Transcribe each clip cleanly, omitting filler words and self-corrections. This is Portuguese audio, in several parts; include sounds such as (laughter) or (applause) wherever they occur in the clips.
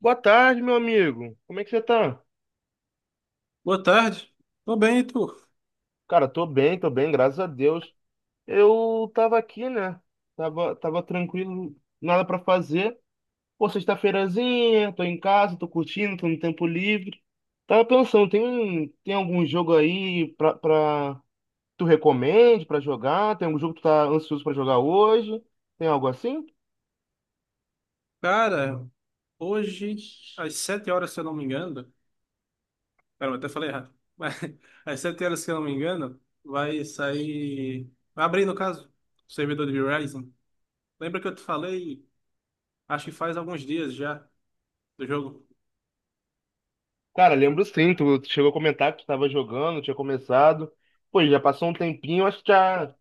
Boa tarde, meu amigo. Como é que você tá? Boa tarde. Tô bem, e tu? Cara, tô bem, graças a Deus. Eu tava aqui, né? Tava tranquilo, nada pra fazer. Pô, sexta-feirazinha, tô em casa, tô curtindo, tô no tempo livre. Tava pensando, tem algum jogo aí pra tu recomende pra jogar? Tem algum jogo que tu tá ansioso pra jogar hoje? Tem algo assim? Cara, hoje, às sete horas, se eu não me engano, pera, eu até falei errado, mas (laughs) às sete horas, se eu não me engano, vai sair, vai abrir, no caso, o servidor de Verizon. Lembra que eu te falei, acho que faz alguns dias já, do jogo? Cara, lembro sim, tu chegou a comentar que tu tava jogando, tinha começado. Pô, já passou um tempinho, acho que já.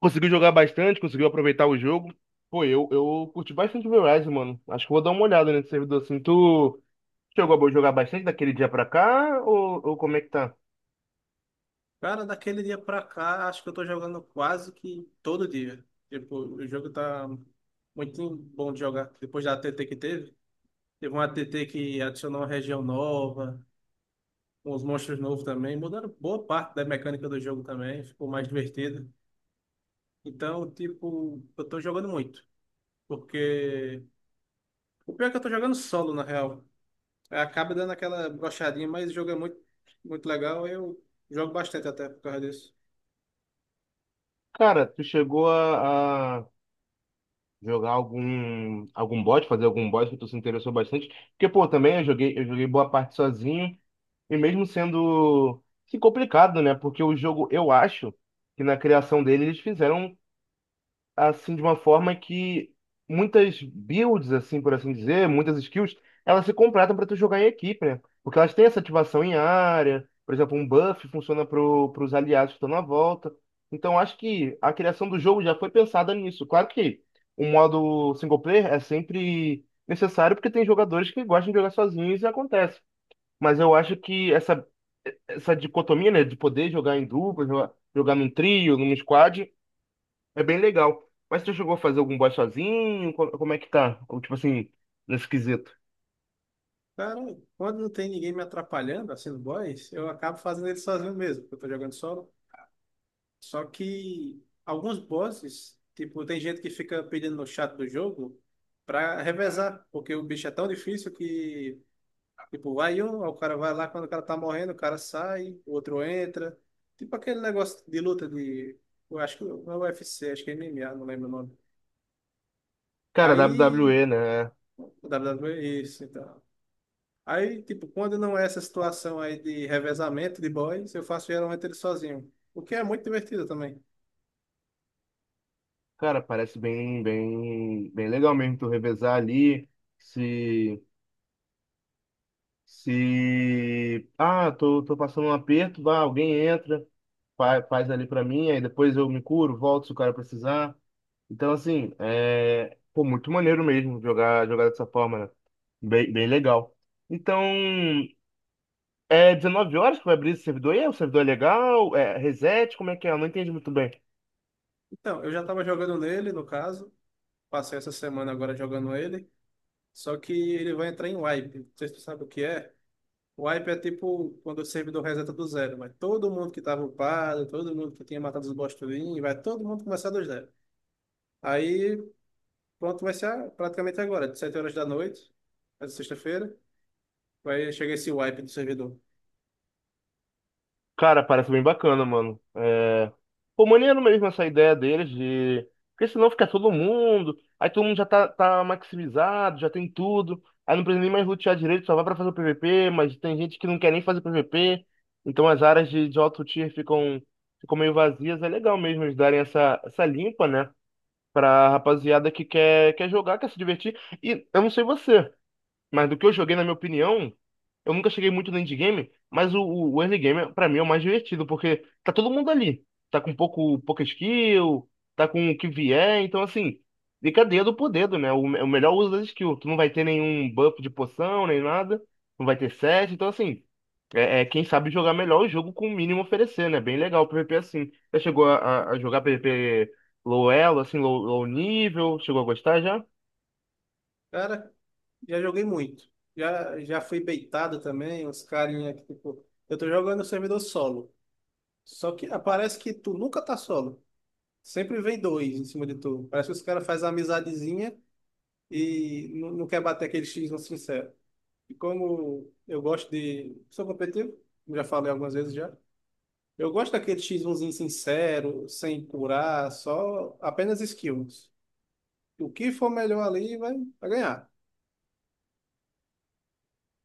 Conseguiu jogar bastante, conseguiu aproveitar o jogo. Pô, eu curti bastante o Verizon, mano. Acho que vou dar uma olhada nesse servidor assim. Tu chegou a jogar bastante daquele dia pra cá? Ou como é que tá? Cara, daquele dia pra cá, acho que eu tô jogando quase que todo dia. Tipo, o jogo tá muito bom de jogar. Depois da ATT que teve, teve uma ATT que adicionou uma região nova, uns monstros novos também, mudaram boa parte da mecânica do jogo também, ficou mais divertido. Então, tipo, eu tô jogando muito, porque o pior é que eu tô jogando solo, na real. Acaba dando aquela brochadinha, mas o jogo é muito, muito legal, eu jogo bastante até por causa disso. Cara, tu chegou a jogar algum bot que tu se interessou bastante? Porque, pô, também eu joguei boa parte sozinho. E mesmo sendo assim, complicado, né? Porque o jogo, eu acho que na criação dele eles fizeram assim de uma forma que muitas builds, assim por assim dizer, muitas skills, elas se completam para tu jogar em equipe, né? Porque elas têm essa ativação em área, por exemplo, um buff funciona para os aliados que estão na volta. Então acho que a criação do jogo já foi pensada nisso. Claro que o modo single player é sempre necessário porque tem jogadores que gostam de jogar sozinhos e acontece. Mas eu acho que essa dicotomia, né, de poder jogar em dupla, jogar num trio, num squad, é bem legal. Mas você chegou a fazer algum boss sozinho? Como é que tá? Ou, tipo assim, nesse quesito. Cara, quando não tem ninguém me atrapalhando, assim, no boss, eu acabo fazendo ele sozinho mesmo, porque eu tô jogando solo. Só que alguns bosses, tipo, tem gente que fica pedindo no chat do jogo pra revezar, porque o bicho é tão difícil que... Tipo, aí o cara vai lá, quando o cara tá morrendo, o cara sai, o outro entra. Tipo aquele negócio de luta de... Eu acho que não é UFC, acho que é MMA, não lembro o nome. Cara, Aí... WWE, né? WWE, isso, então. Aí, tipo, quando não é essa situação aí de revezamento de boys, eu faço geralmente ele sozinho. O que é muito divertido também. Cara, parece bem, bem, bem legal mesmo tu revezar ali. Se, se, ah, tô passando um aperto, vá, alguém entra, faz, ali pra mim, aí depois eu me curo, volto se o cara precisar. Então, assim, é, pô, muito maneiro mesmo jogar dessa forma, né? Bem, bem legal. Então, é 19 horas que vai abrir esse servidor? O servidor é legal? É reset? Como é que é? Eu não entendi muito bem. Então, eu já tava jogando nele, no caso. Passei essa semana agora jogando ele. Só que ele vai entrar em wipe. Não sei se tu sabe o que é. O wipe é tipo quando o servidor reseta do zero, mas todo mundo que estava upado, todo mundo que tinha matado os boss tudinho, vai todo mundo começar do zero. Aí, pronto, vai ser a- praticamente agora, de 7 horas da noite, essa sexta-feira, vai chegar esse wipe do servidor. Cara, parece bem bacana, mano. Pô, maneiro mesmo essa ideia deles de. Porque senão fica todo mundo. Aí todo mundo já tá maximizado, já tem tudo. Aí não precisa nem mais lutear direito, só vai pra fazer o PVP. Mas tem gente que não quer nem fazer PVP. Então as áreas de alto tier ficam meio vazias. É legal mesmo eles darem essa limpa, né? Pra rapaziada que quer jogar, quer se divertir. E eu não sei você. Mas do que eu joguei, na minha opinião, eu nunca cheguei muito no endgame, mas o early game, pra mim, é o mais divertido, porque tá todo mundo ali. Tá com pouca skill, tá com o que vier, então assim, fica dedo por dedo, né? O melhor uso das skills. Tu não vai ter nenhum buff de poção, nem nada, não vai ter set, então assim, é quem sabe jogar melhor o jogo com o mínimo oferecer, né? Bem legal o PvP assim. Já chegou a jogar PvP low elo, assim, low nível? Chegou a gostar já? Cara, já joguei muito. Já fui beitado também, uns carinha que, tipo, eu tô jogando o servidor solo. Só que ah, parece que tu nunca tá solo. Sempre vem dois em cima de tu. Parece que os caras fazem uma amizadezinha e não quer bater aquele X no sincero. E como eu gosto de... Sou competitivo, como já falei algumas vezes já. Eu gosto daquele x 1 sincero, sem curar, só apenas skills. O que for melhor ali vai, vai ganhar.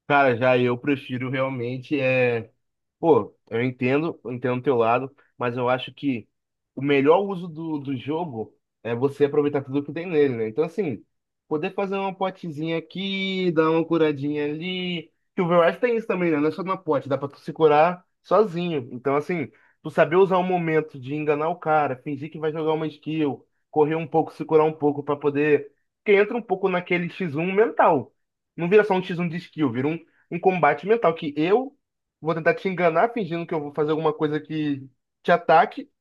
Cara, já eu prefiro realmente é. Pô, eu entendo o teu lado, mas eu acho que o melhor uso do jogo é você aproveitar tudo que tem nele, né? Então, assim, poder fazer uma potezinha aqui, dar uma curadinha ali. Que o Overwatch tem isso também, né? Não é só na pote, dá pra tu se curar sozinho. Então, assim, tu saber usar o momento de enganar o cara, fingir que vai jogar uma skill, correr um pouco, se curar um pouco pra poder. Porque entra um pouco naquele X1 mental. Não vira só um X1 de skill, vira um combate mental, que eu vou tentar te enganar fingindo que eu vou fazer alguma coisa que te ataque,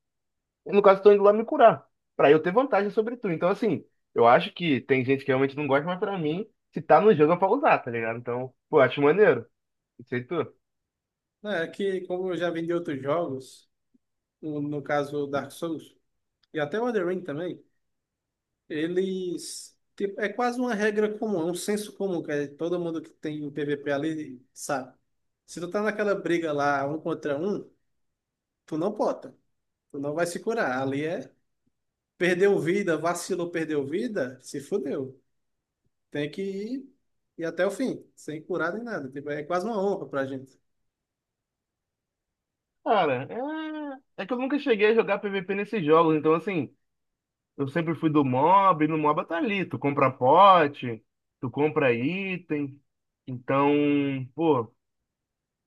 e no caso, tô indo lá me curar, pra eu ter vantagem sobre tu. Então, assim, eu acho que tem gente que realmente não gosta, mas pra mim, se tá no jogo é pra usar, tá ligado? Então, pô, acho maneiro. Não sei tu. Né, é que, como eu já vi outros jogos, no caso Dark Souls, e até o Elden Ring também, eles... Tipo, é quase uma regra comum, é um senso comum, que é todo mundo que tem PVP ali sabe. Se tu tá naquela briga lá, um contra um, tu não pota. Tu não vai se curar. Ali é... Perdeu vida, vacilou, perdeu vida, se fudeu. Tem que ir, ir até o fim, sem curar nem nada. Tipo, é quase uma honra pra gente. Cara, é que eu nunca cheguei a jogar PVP nesses jogos, então, assim, eu sempre fui do mob, e no mob tá ali, tu compra pote, tu compra item. Então, pô,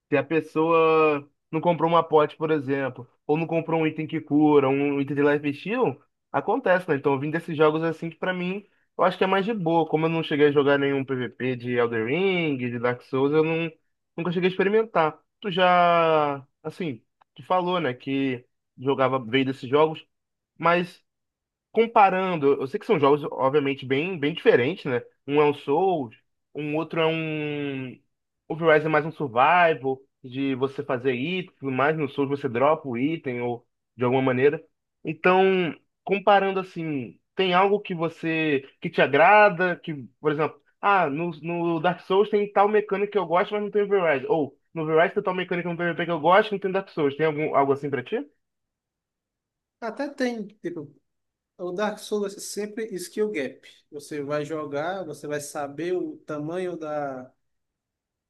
se a pessoa não comprou uma pote, por exemplo, ou não comprou um item que cura, um item de life steal, acontece, né? Então, eu vim desses jogos assim que pra mim, eu acho que é mais de boa. Como eu não cheguei a jogar nenhum PVP de Elden Ring, de Dark Souls, eu não, nunca cheguei a experimentar. Tu já, assim, tu falou, né, que jogava, veio desses jogos, mas comparando, eu sei que são jogos, obviamente, bem, bem diferentes, né? Um é um Souls, um outro é um. O Horizon é mais um survival, de você fazer itens, e tudo mais no Souls você dropa o item, ou de alguma maneira. Então, comparando assim, tem algo que você, que te agrada, que, por exemplo, ah, no Dark Souls tem tal mecânica que eu gosto, mas não tem no Horizon. Ou, no Horizon tem tal mecânica no PvP que eu gosto, não tem no Dark Souls. Tem algo assim pra ti? Até tem, tipo, o Dark Souls é sempre skill gap. Você vai jogar, você vai saber o tamanho da,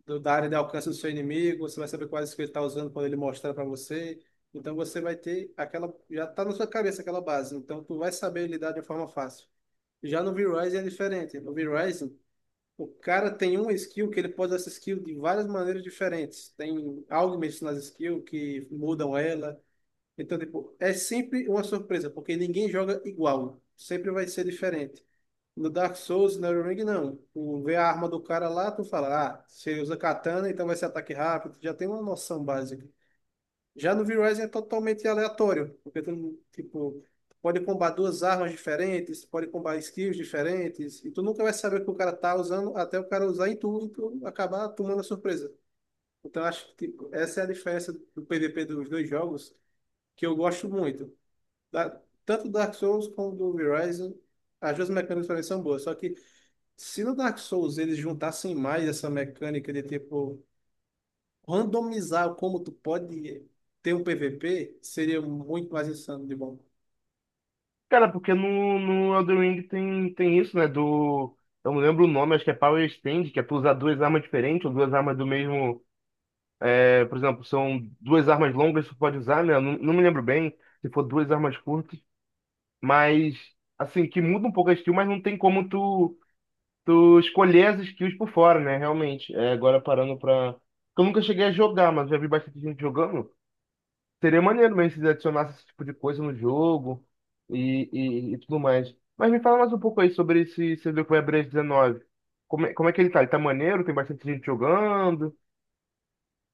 da área de alcance do seu inimigo, você vai saber quais skills ele está usando quando ele mostrar para você. Então você vai ter aquela, já tá na sua cabeça aquela base, então tu vai saber lidar de forma fácil. Já no V-Rising é diferente. No V-Rising, o cara tem uma skill que ele pode usar essa skill de várias maneiras diferentes. Tem algo mexendo nas skills que mudam ela. Então, tipo, é sempre uma surpresa, porque ninguém joga igual. Sempre vai ser diferente. No Dark Souls, no Elden Ring, não. Tu vê a arma do cara lá, tu fala, ah, se ele usa katana, então vai ser ataque rápido. Tu já tem uma noção básica. Já no V-Rising é totalmente aleatório, porque tu, tipo, pode combar duas armas diferentes, pode combar skills diferentes, e tu nunca vai saber o que o cara tá usando até o cara usar em tu e tu acabar tomando a surpresa. Então acho que tipo, essa é a diferença do PVP dos dois jogos que eu gosto muito. Da, tanto do Dark Souls como do V-Rising, as duas mecânicas também são boas, só que se no Dark Souls eles juntassem mais essa mecânica de tipo randomizar como tu pode ter um PVP seria muito mais insano de bom. Cara, porque no Elden Ring tem isso, né? Do. Eu não lembro o nome, acho que é Power Stand, que é tu usar duas armas diferentes, ou duas armas do mesmo. É, por exemplo, são duas armas longas que tu pode usar, né? Eu não me lembro bem se for duas armas curtas, mas assim, que muda um pouco a skill, mas não tem como tu escolher as skills por fora, né? Realmente. É, agora parando pra. Eu nunca cheguei a jogar, mas já vi bastante gente jogando. Seria maneiro mesmo se eles adicionassem esse tipo de coisa no jogo e tudo mais. Mas me fala mais um pouco aí sobre esse CBQ Web 19. Como é que ele tá? Ele tá maneiro? Tem bastante gente jogando?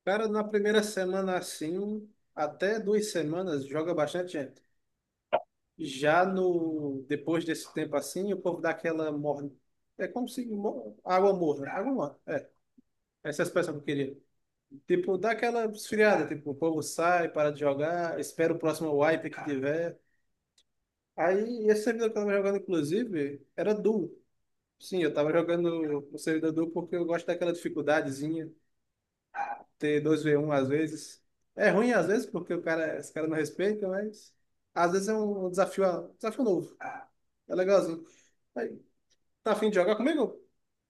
Cara, na primeira semana assim, um, até duas semanas, joga bastante gente. Já no depois desse tempo assim, o povo dá aquela morna. É como se mo- água morna, água morna. É, essa é a expressão que eu queria. Tipo, dá aquela esfriada, tipo, o povo sai, para de jogar, espera o próximo wipe que tiver. Aí, esse servidor que eu tava jogando, inclusive, era duo. Sim, eu tava jogando o servidor porque eu gosto daquela dificuldadezinha, ter dois v um às vezes. É ruim às vezes porque o cara, os caras não respeitam, mas às vezes é um desafio novo. É legalzinho. Aí, tá afim de jogar comigo?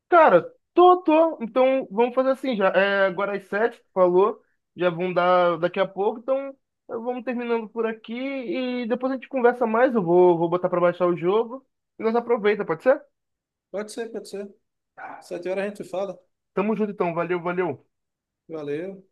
Cara, tô, tô. Então vamos fazer assim já. É, agora às sete, tu falou. Já vão dar daqui a pouco. Então vamos terminando por aqui e depois a gente conversa mais. Eu vou botar pra baixar o jogo e nós aproveita, pode ser? Pode ser, pode ser. Sete horas a gente fala. Tamo junto então. Valeu, valeu. Valeu.